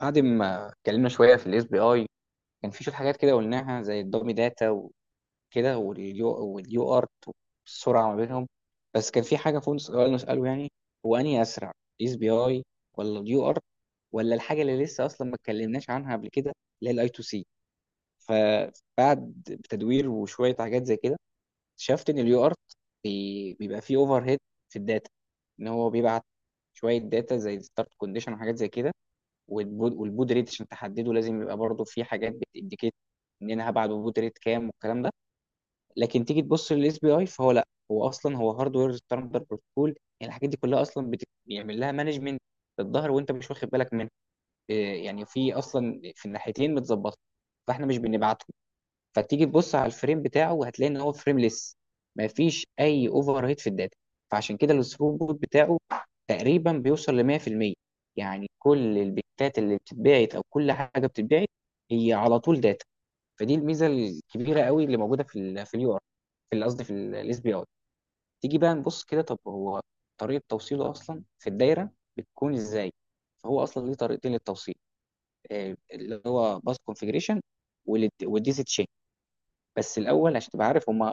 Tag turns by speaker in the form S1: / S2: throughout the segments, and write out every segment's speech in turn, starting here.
S1: بعد ما اتكلمنا شويه في الاس بي اي، كان في شويه حاجات كده قلناها، زي الدومي داتا وكده، واليو ارت، والسرعه ما بينهم. بس كان في حاجه فوق، سؤال نساله، يعني هو انهي اسرع؟ الاس بي اي ولا اليو ارت، ولا الحاجه اللي لسه اصلا ما اتكلمناش عنها قبل كده، اللي هي الاي تو سي. فبعد تدوير وشويه حاجات زي كده، اكتشفت ان اليو ارت بيبقى فيه اوفر هيد في الداتا، ان هو بيبعت شويه داتا زي ستارت كونديشن وحاجات زي كده. والبود، والبود ريت عشان تحدده لازم يبقى برضه في حاجات بتindicate ان انا هبعت ببود ريت كام والكلام ده. لكن تيجي تبص للاس بي اي، فهو لا، هو اصلا هو هاردوير ستاندر بروتوكول، يعني الحاجات دي كلها اصلا بيعمل لها مانجمنت للظهر وانت مش واخد بالك منها. إيه، يعني في اصلا في الناحيتين متظبطه، فاحنا مش بنبعته. فتيجي تبص على الفريم بتاعه، وهتلاقي ان هو فريمليس. مفيش اي اوفر هيد في الداتا، فعشان كده الثروبوت بتاعه تقريبا بيوصل ل 100%، يعني كل البيتات اللي بتتباعت او كل حاجه بتتباعت هي على طول داتا. فدي الميزه الكبيره قوي اللي موجوده في ال في اليو ار، قصدي في الاس بي اي. تيجي بقى نبص كده، طب هو طريقه توصيله اصلا في الدايره بتكون ازاي؟ فهو اصلا ليه طريقتين للتوصيل، اللي هو باس كونفجريشن والديزي. بس الاول عشان تبقى عارف هما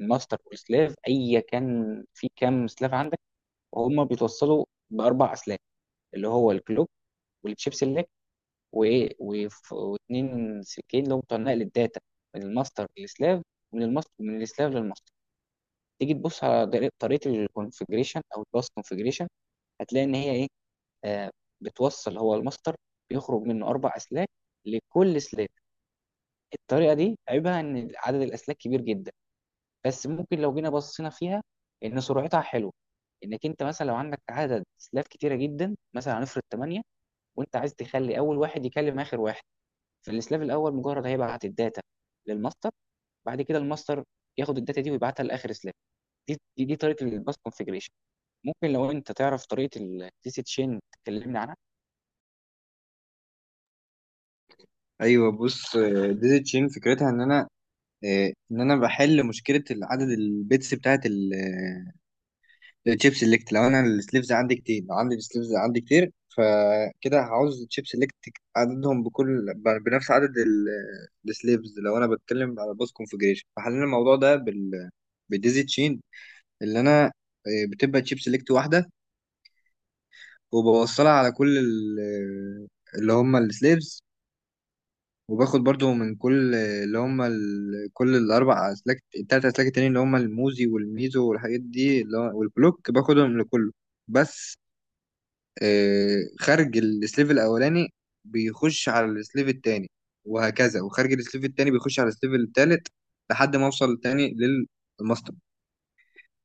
S1: الماستر والسلاف، ايا كان في كام سلاف عندك. وهم بيتوصلوا باربع اسلاك، اللي هو الكلوك والتشيب سيلكت واثنين سلكين اللي هم بتوع نقل الداتا، من الماستر للسلاف، ومن الماستر من السلاف للماستر. تيجي تبص على طريقه الكونفجريشن او الباس كونفجريشن، هتلاقي ان هي ايه. آه بتوصل، هو الماستر بيخرج منه اربع اسلاك لكل سلاف. الطريقه دي عيبها ان عدد الاسلاك كبير جدا، بس ممكن لو جينا بصينا فيها، ان سرعتها حلوه. انك انت مثلا لو عندك عدد سلاف كتيره جدا، مثلا هنفرض 8، وانت عايز تخلي اول واحد يكلم اخر واحد، فالسلاف الاول مجرد هيبعت الداتا للماستر، بعد كده الماستر ياخد الداتا دي ويبعتها لاخر سلاف. دي طريقه الباس كونفيجريشن. ممكن لو انت تعرف طريقه التي سي تشين تكلمني عنها.
S2: ايوه، بص. ديزي تشين فكرتها ان انا بحل مشكله عدد البيتس بتاعت الشيب سيلكت. لو عندي السليفز عندي كتير فكده هعوز تشيب سيلكت عددهم بنفس عدد السليفز. لو انا بتكلم على باس كونفجريشن، فحللنا الموضوع ده بالديزي تشين، اللي انا آه، بتبقى تشيب سيلكت واحده، وبوصلها على كل ال- آه، اللي هم السليفز، وباخد برضو من كل اللي هم كل الاربع اسلاك، التلات اسلاك التانيين اللي هم الموزي والميزو والحاجات دي اللي هو والبلوك، باخدهم لكله. بس خارج السليف الاولاني بيخش على السليف التاني، وهكذا، وخارج السليف التاني بيخش على السليف التالت، لحد ما اوصل تاني للماستر.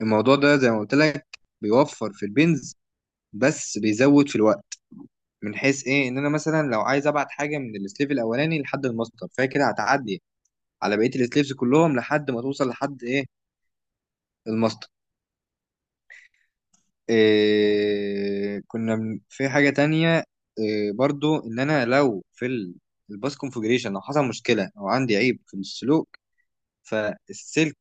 S2: الموضوع ده زي ما قلت لك، بيوفر في البنز بس بيزود في الوقت، من حيث ايه، ان انا مثلا لو عايز ابعت حاجه من السليف الاولاني لحد الماستر، فهي كده هتعدي على بقيه السليفز كلهم لحد ما توصل لحد ايه، الماستر. إيه في حاجه تانية، إيه، برضو ان انا لو في الباس كونفجريشن لو حصل مشكله او عندي عيب في السلوك، فالسلك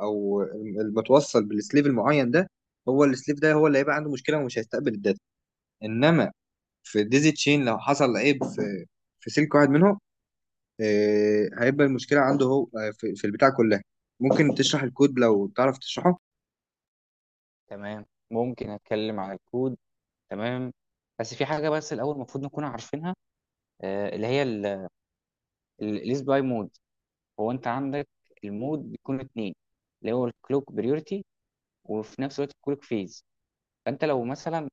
S2: او المتوصل بالسليف المعين ده، هو السليف ده هو اللي هيبقى عنده مشكله ومش هيستقبل الداتا. انما في ديزي تشين لو حصل عيب في سلك واحد منهم، إيه، هيبقى المشكله عنده هو، في البتاع كلها. ممكن تشرح الكود لو تعرف تشرحه؟
S1: تمام. ممكن اتكلم عن الكود. تمام، بس في حاجه بس الاول المفروض نكون عارفينها، اللي هي الاس باي مود. هو انت عندك المود بيكون اتنين، اللي هو الكلوك بريورتي، وفي نفس الوقت الكلوك فيز. فانت لو مثلا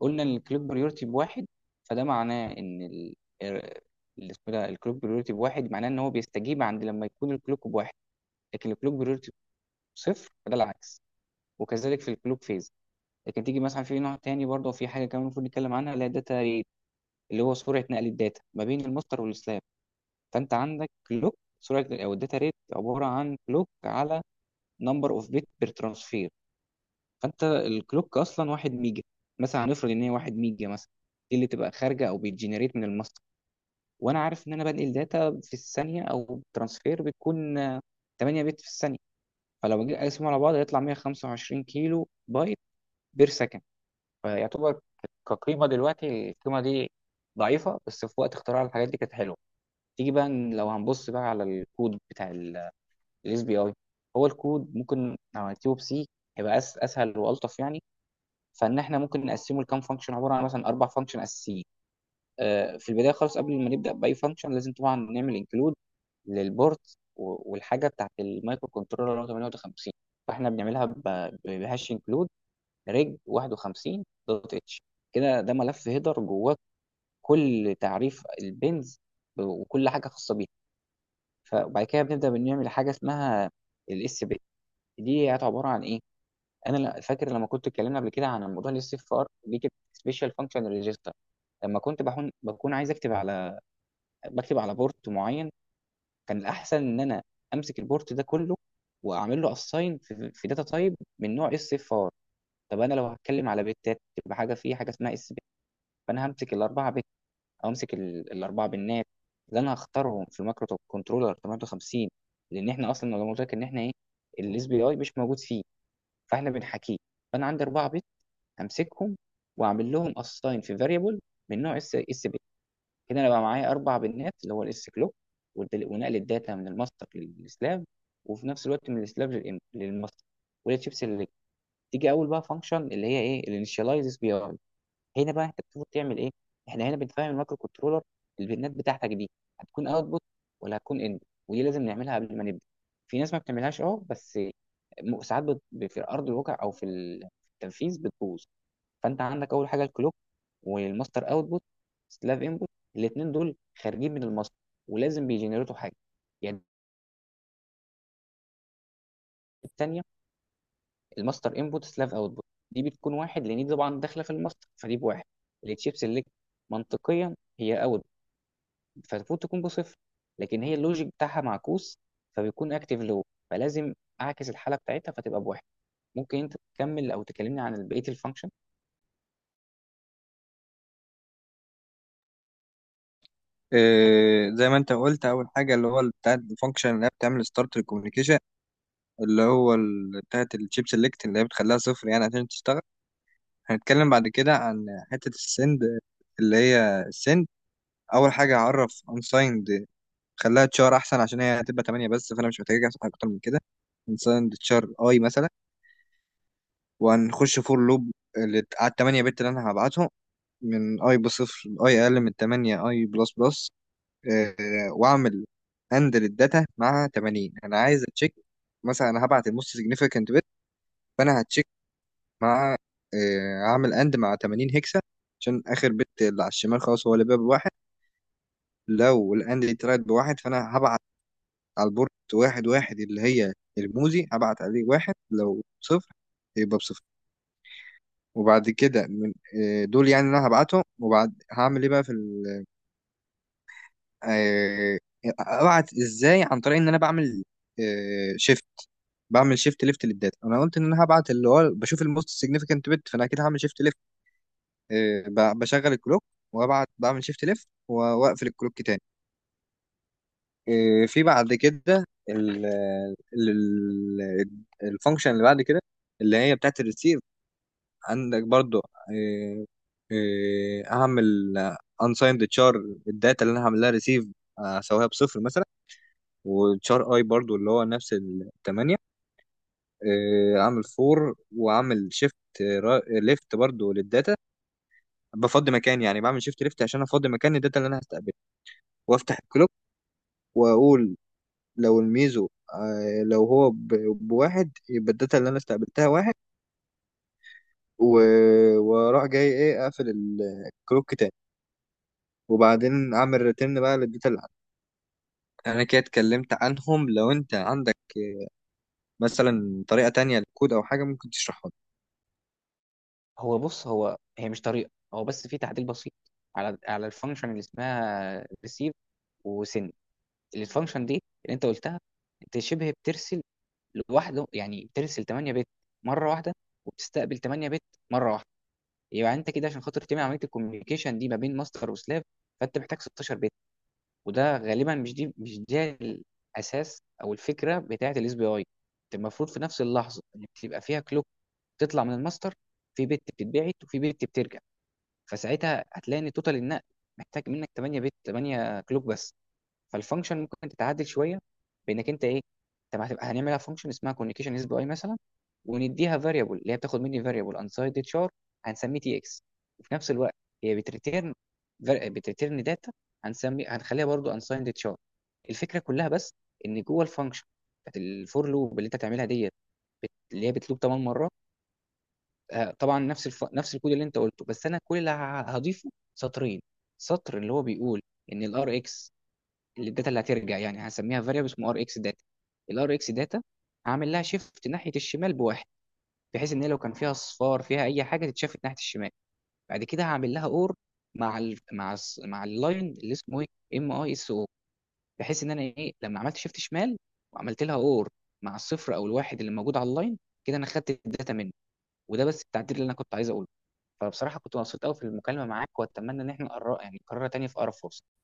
S1: قلنا ان الكلوك بريورتي بواحد، فده معناه ان ال- اللي اسمه ده الكلوك بريورتي بواحد، معناه ان هو بيستجيب عند لما يكون الكلوك بواحد. لكن الكلوك بريورتي بصفر فده العكس. وكذلك في الكلوك فيز. لكن تيجي مثلا في نوع تاني، برضه في حاجه كمان المفروض نتكلم عنها، اللي هي داتا ريت، اللي هو سرعه نقل الداتا ما بين المصدر والسلاب. فانت عندك كلوك سرعه، او الداتا ريت عباره عن كلوك على نمبر اوف بت بير ترانسفير. فانت الكلوك اصلا واحد ميجا، مثلا هنفرض ان هي واحد ميجا مثلا، دي اللي تبقى خارجه او بيتجنريت من الماستر. وانا عارف ان انا بنقل داتا في الثانيه، او ترانسفير بتكون 8 بت في الثانيه. فلو جيت اقسمهم على بعض هيطلع 125 كيلو بايت بير سكند. فيعتبر كقيمه دلوقتي القيمه دي ضعيفه، بس في وقت اختراع الحاجات دي كانت حلوه. تيجي بقى لو هنبص بقى على الكود بتاع الاس بي اي. هو الكود، ممكن لو هنكتبه بسي، هيبقى اسهل والطف يعني. فان احنا ممكن نقسمه لكام فانكشن، عباره عن مثلا اربع فانكشن اساسيين. في البدايه خالص قبل ما نبدا باي فانكشن، لازم طبعا نعمل انكلود للبورت والحاجه بتاعت المايكرو كنترولر اللي هو 58. فاحنا بنعملها بهاش انكلود ريج 51 دوت اتش. كده ده ملف هيدر جواه كل تعريف البنز وكل حاجه خاصه بيها. فبعد كده بنبدا بنعمل حاجه اسمها الاس بي. دي عباره عن ايه؟ انا فاكر لما كنت اتكلمنا قبل كده عن الموضوع، اللي السي ار دي كانت سبيشال فانكشن ريجستر. لما كنت بكون عايز اكتب على، بكتب على بورت معين، كان الاحسن ان انا امسك البورت ده كله واعمل له اساين في داتا تايب من نوع اس اف ار. طب انا لو هتكلم على بتات، تبقى حاجه في حاجه اسمها اس بي. فانا همسك الاربعه بت، او امسك الاربعه بنات اللي انا هختارهم في المايكرو كنترولر 58. لان احنا اصلا لو قلت لك ان احنا ايه، الاس بي اي مش موجود فيه، فاحنا بنحكيه. فانا عندي اربعه همسكهم واعمل لهم اساين في فاريبل من نوع اس اس بي. كده انا بقى معايا اربع بنات، اللي هو الاس كلوك ونقل الداتا من الماستر للسلاف، وفي نفس الوقت من السلاف للماستر، والتشيبس اللي. تيجي اول بقى فانكشن، اللي هي ايه، الانيشاليز اس بي اي. هنا بقى انت المفروض تعمل ايه؟ احنا هنا بنفهم المايكرو كنترولر البيانات بتاعتك دي هتكون اوتبوت ولا هتكون ان. ودي لازم نعملها قبل ما نبدا، في ناس ما بتعملهاش، اه، بس ساعات في ارض الواقع او في في التنفيذ بتبوظ. فانت عندك اول حاجه الكلوك والماستر اوتبوت سلاف انبوت، الاثنين دول خارجين من الماستر ولازم بيجنريتوا حاجه، يعني. الثانيه الماستر انبوت سلاف اوتبوت، دي بتكون واحد لان دي طبعا داخله في الماستر فدي بواحد. التشيب سيلكت منطقيا هي اوت، فالمفروض تكون بصفر، لكن هي اللوجيك بتاعها معكوس فبيكون اكتيف فلازم اعكس الحاله بتاعتها فتبقى بواحد. ممكن انت تكمل او تكلمني عن بقيه الفانكشن.
S2: زي ما انت قلت، اول حاجه اللي هو بتاع الفانكشن اللي هي بتعمل ستارت للكوميونيكيشن، اللي هو بتاعت الشيب سيلكت، اللي هي بتخليها صفر يعني عشان تشتغل. هنتكلم بعد كده عن حته السند، اللي هي السند. اول حاجه هعرف انسايند، خليها تشار احسن، عشان هي هتبقى 8 بس فانا مش محتاج احسن حاجه اكتر من كده. انسايند تشار اي مثلا، وهنخش فور لوب اللي على ال 8 بت اللي انا هبعتهم، من اي بصفر، اي اقل من 8، اي بلس بلس. آه، واعمل هاند للداتا مع 80. انا عايز اتشيك، مثلا انا هبعت الموست سيجنيفيكانت بت، فانا هتشيك مع، هعمل اند مع 80 هكسا عشان اخر بت اللي على الشمال، خلاص هو اللي بقى بواحد. لو الاند دي طلعت بواحد، فانا هبعت على البورت واحد واحد اللي هي الموزي، هبعت عليه واحد، لو صفر يبقى بصفر. وبعد كده من، دول يعني انا هبعتهم، وبعد هعمل ايه بقى في آه، ابعت ازاي؟ عن طريق ان انا شيفت بعمل شيفت ليفت للداتا. انا قلت ان انا هبعت اللي هو بشوف الموست سيجنيفيكانت بت، فانا كده هعمل شيفت ليفت، بشغل الكلوك وابعت، بعمل شيفت ليفت واقفل الكلوك تاني. إيه، في بعد كده ال- ال- ال- الفانكشن اللي بعد كده، اللي هي بتاعت الريسيف. عندك برضو إيه، إيه، هعمل انسايند تشار الداتا اللي انا هعمل لها ريسيف، اسويها بصفر مثلا، وتشار اي برضو اللي هو نفس الثمانية. عامل فور وعامل شيفت ليفت برضو للداتا، بفضي مكان، يعني بعمل شيفت ليفت عشان افضي مكان الداتا اللي انا هستقبلها، وافتح الكلوك واقول لو الميزو، لو هو بواحد يبقى الداتا اللي انا استقبلتها واحد. واروح جاي ايه اقفل الكلوك تاني، وبعدين اعمل ريتيرن بقى للداتا اللي عندي. انا كده اتكلمت عنهم. لو انت عندك مثلا طريقة تانية للكود او حاجة، ممكن تشرحها لي.
S1: هو بص، هو هي مش طريقه، هو بس في تعديل بسيط، على الفانكشن اللي اسمها ريسيف وسن. الفانكشن دي اللي انت قلتها، انت شبه بترسل لوحده، يعني بترسل 8 بت مره واحده، وبتستقبل 8 بت مره واحده. يبقى انت كده عشان خاطر تعمل عمليه الكوميونيكيشن دي ما بين ماستر وسلاف، فانت محتاج 16 بت. وده غالبا مش، دي مش ده الاساس او الفكره بتاعه الاس بي اي. المفروض في نفس اللحظه ان بتبقى فيها كلوك تطلع من الماستر، في بت بتتبعت وفي بت بترجع. فساعتها هتلاقي ان توتال النقل محتاج منك 8 بت، 8 كلوك بس. فالفانكشن ممكن تتعدل شويه بانك انت ايه. طب هتبقى هنعملها فانكشن اسمها كوميونيكيشن اس بي اي مثلا، ونديها فاريبل، اللي هي بتاخد مني فاريبل انسايد تشار، هنسميه تي اكس. وفي نفس الوقت هي بتريتيرن داتا، هنخليها برضو انسايند تشار. الفكره كلها بس ان جوه الفانكشن بتاعت الفور لوب اللي انت هتعملها ديت، اللي هي بتلوب 8 مرات. طبعا نفس نفس الكود اللي انت قلته، بس انا كل اللي هضيفه سطرين. سطر اللي هو بيقول ان الار اكس، الداتا اللي هترجع، يعني هسميها فاريبل اسمه ار اكس داتا. الار اكس داتا هعمل لها شيفت ناحيه الشمال بواحد، بحيث ان هي لو كان فيها اصفار، فيها اي حاجه تتشافت ناحيه الشمال. بعد كده هعمل لها اور مع مع اللاين، اللي اسمه ايه، ام اي اس او، بحيث ان انا ايه لما عملت شيفت شمال وعملت لها اور مع الصفر او الواحد اللي موجود على اللاين، كده انا خدت الداتا منه. وده بس التعديل اللي انا كنت عايز اقوله. فبصراحه كنت مبسوط قوي في المكالمه معاك، واتمنى ان احنا نقرر يعني نكررها تاني في اقرب فرصه.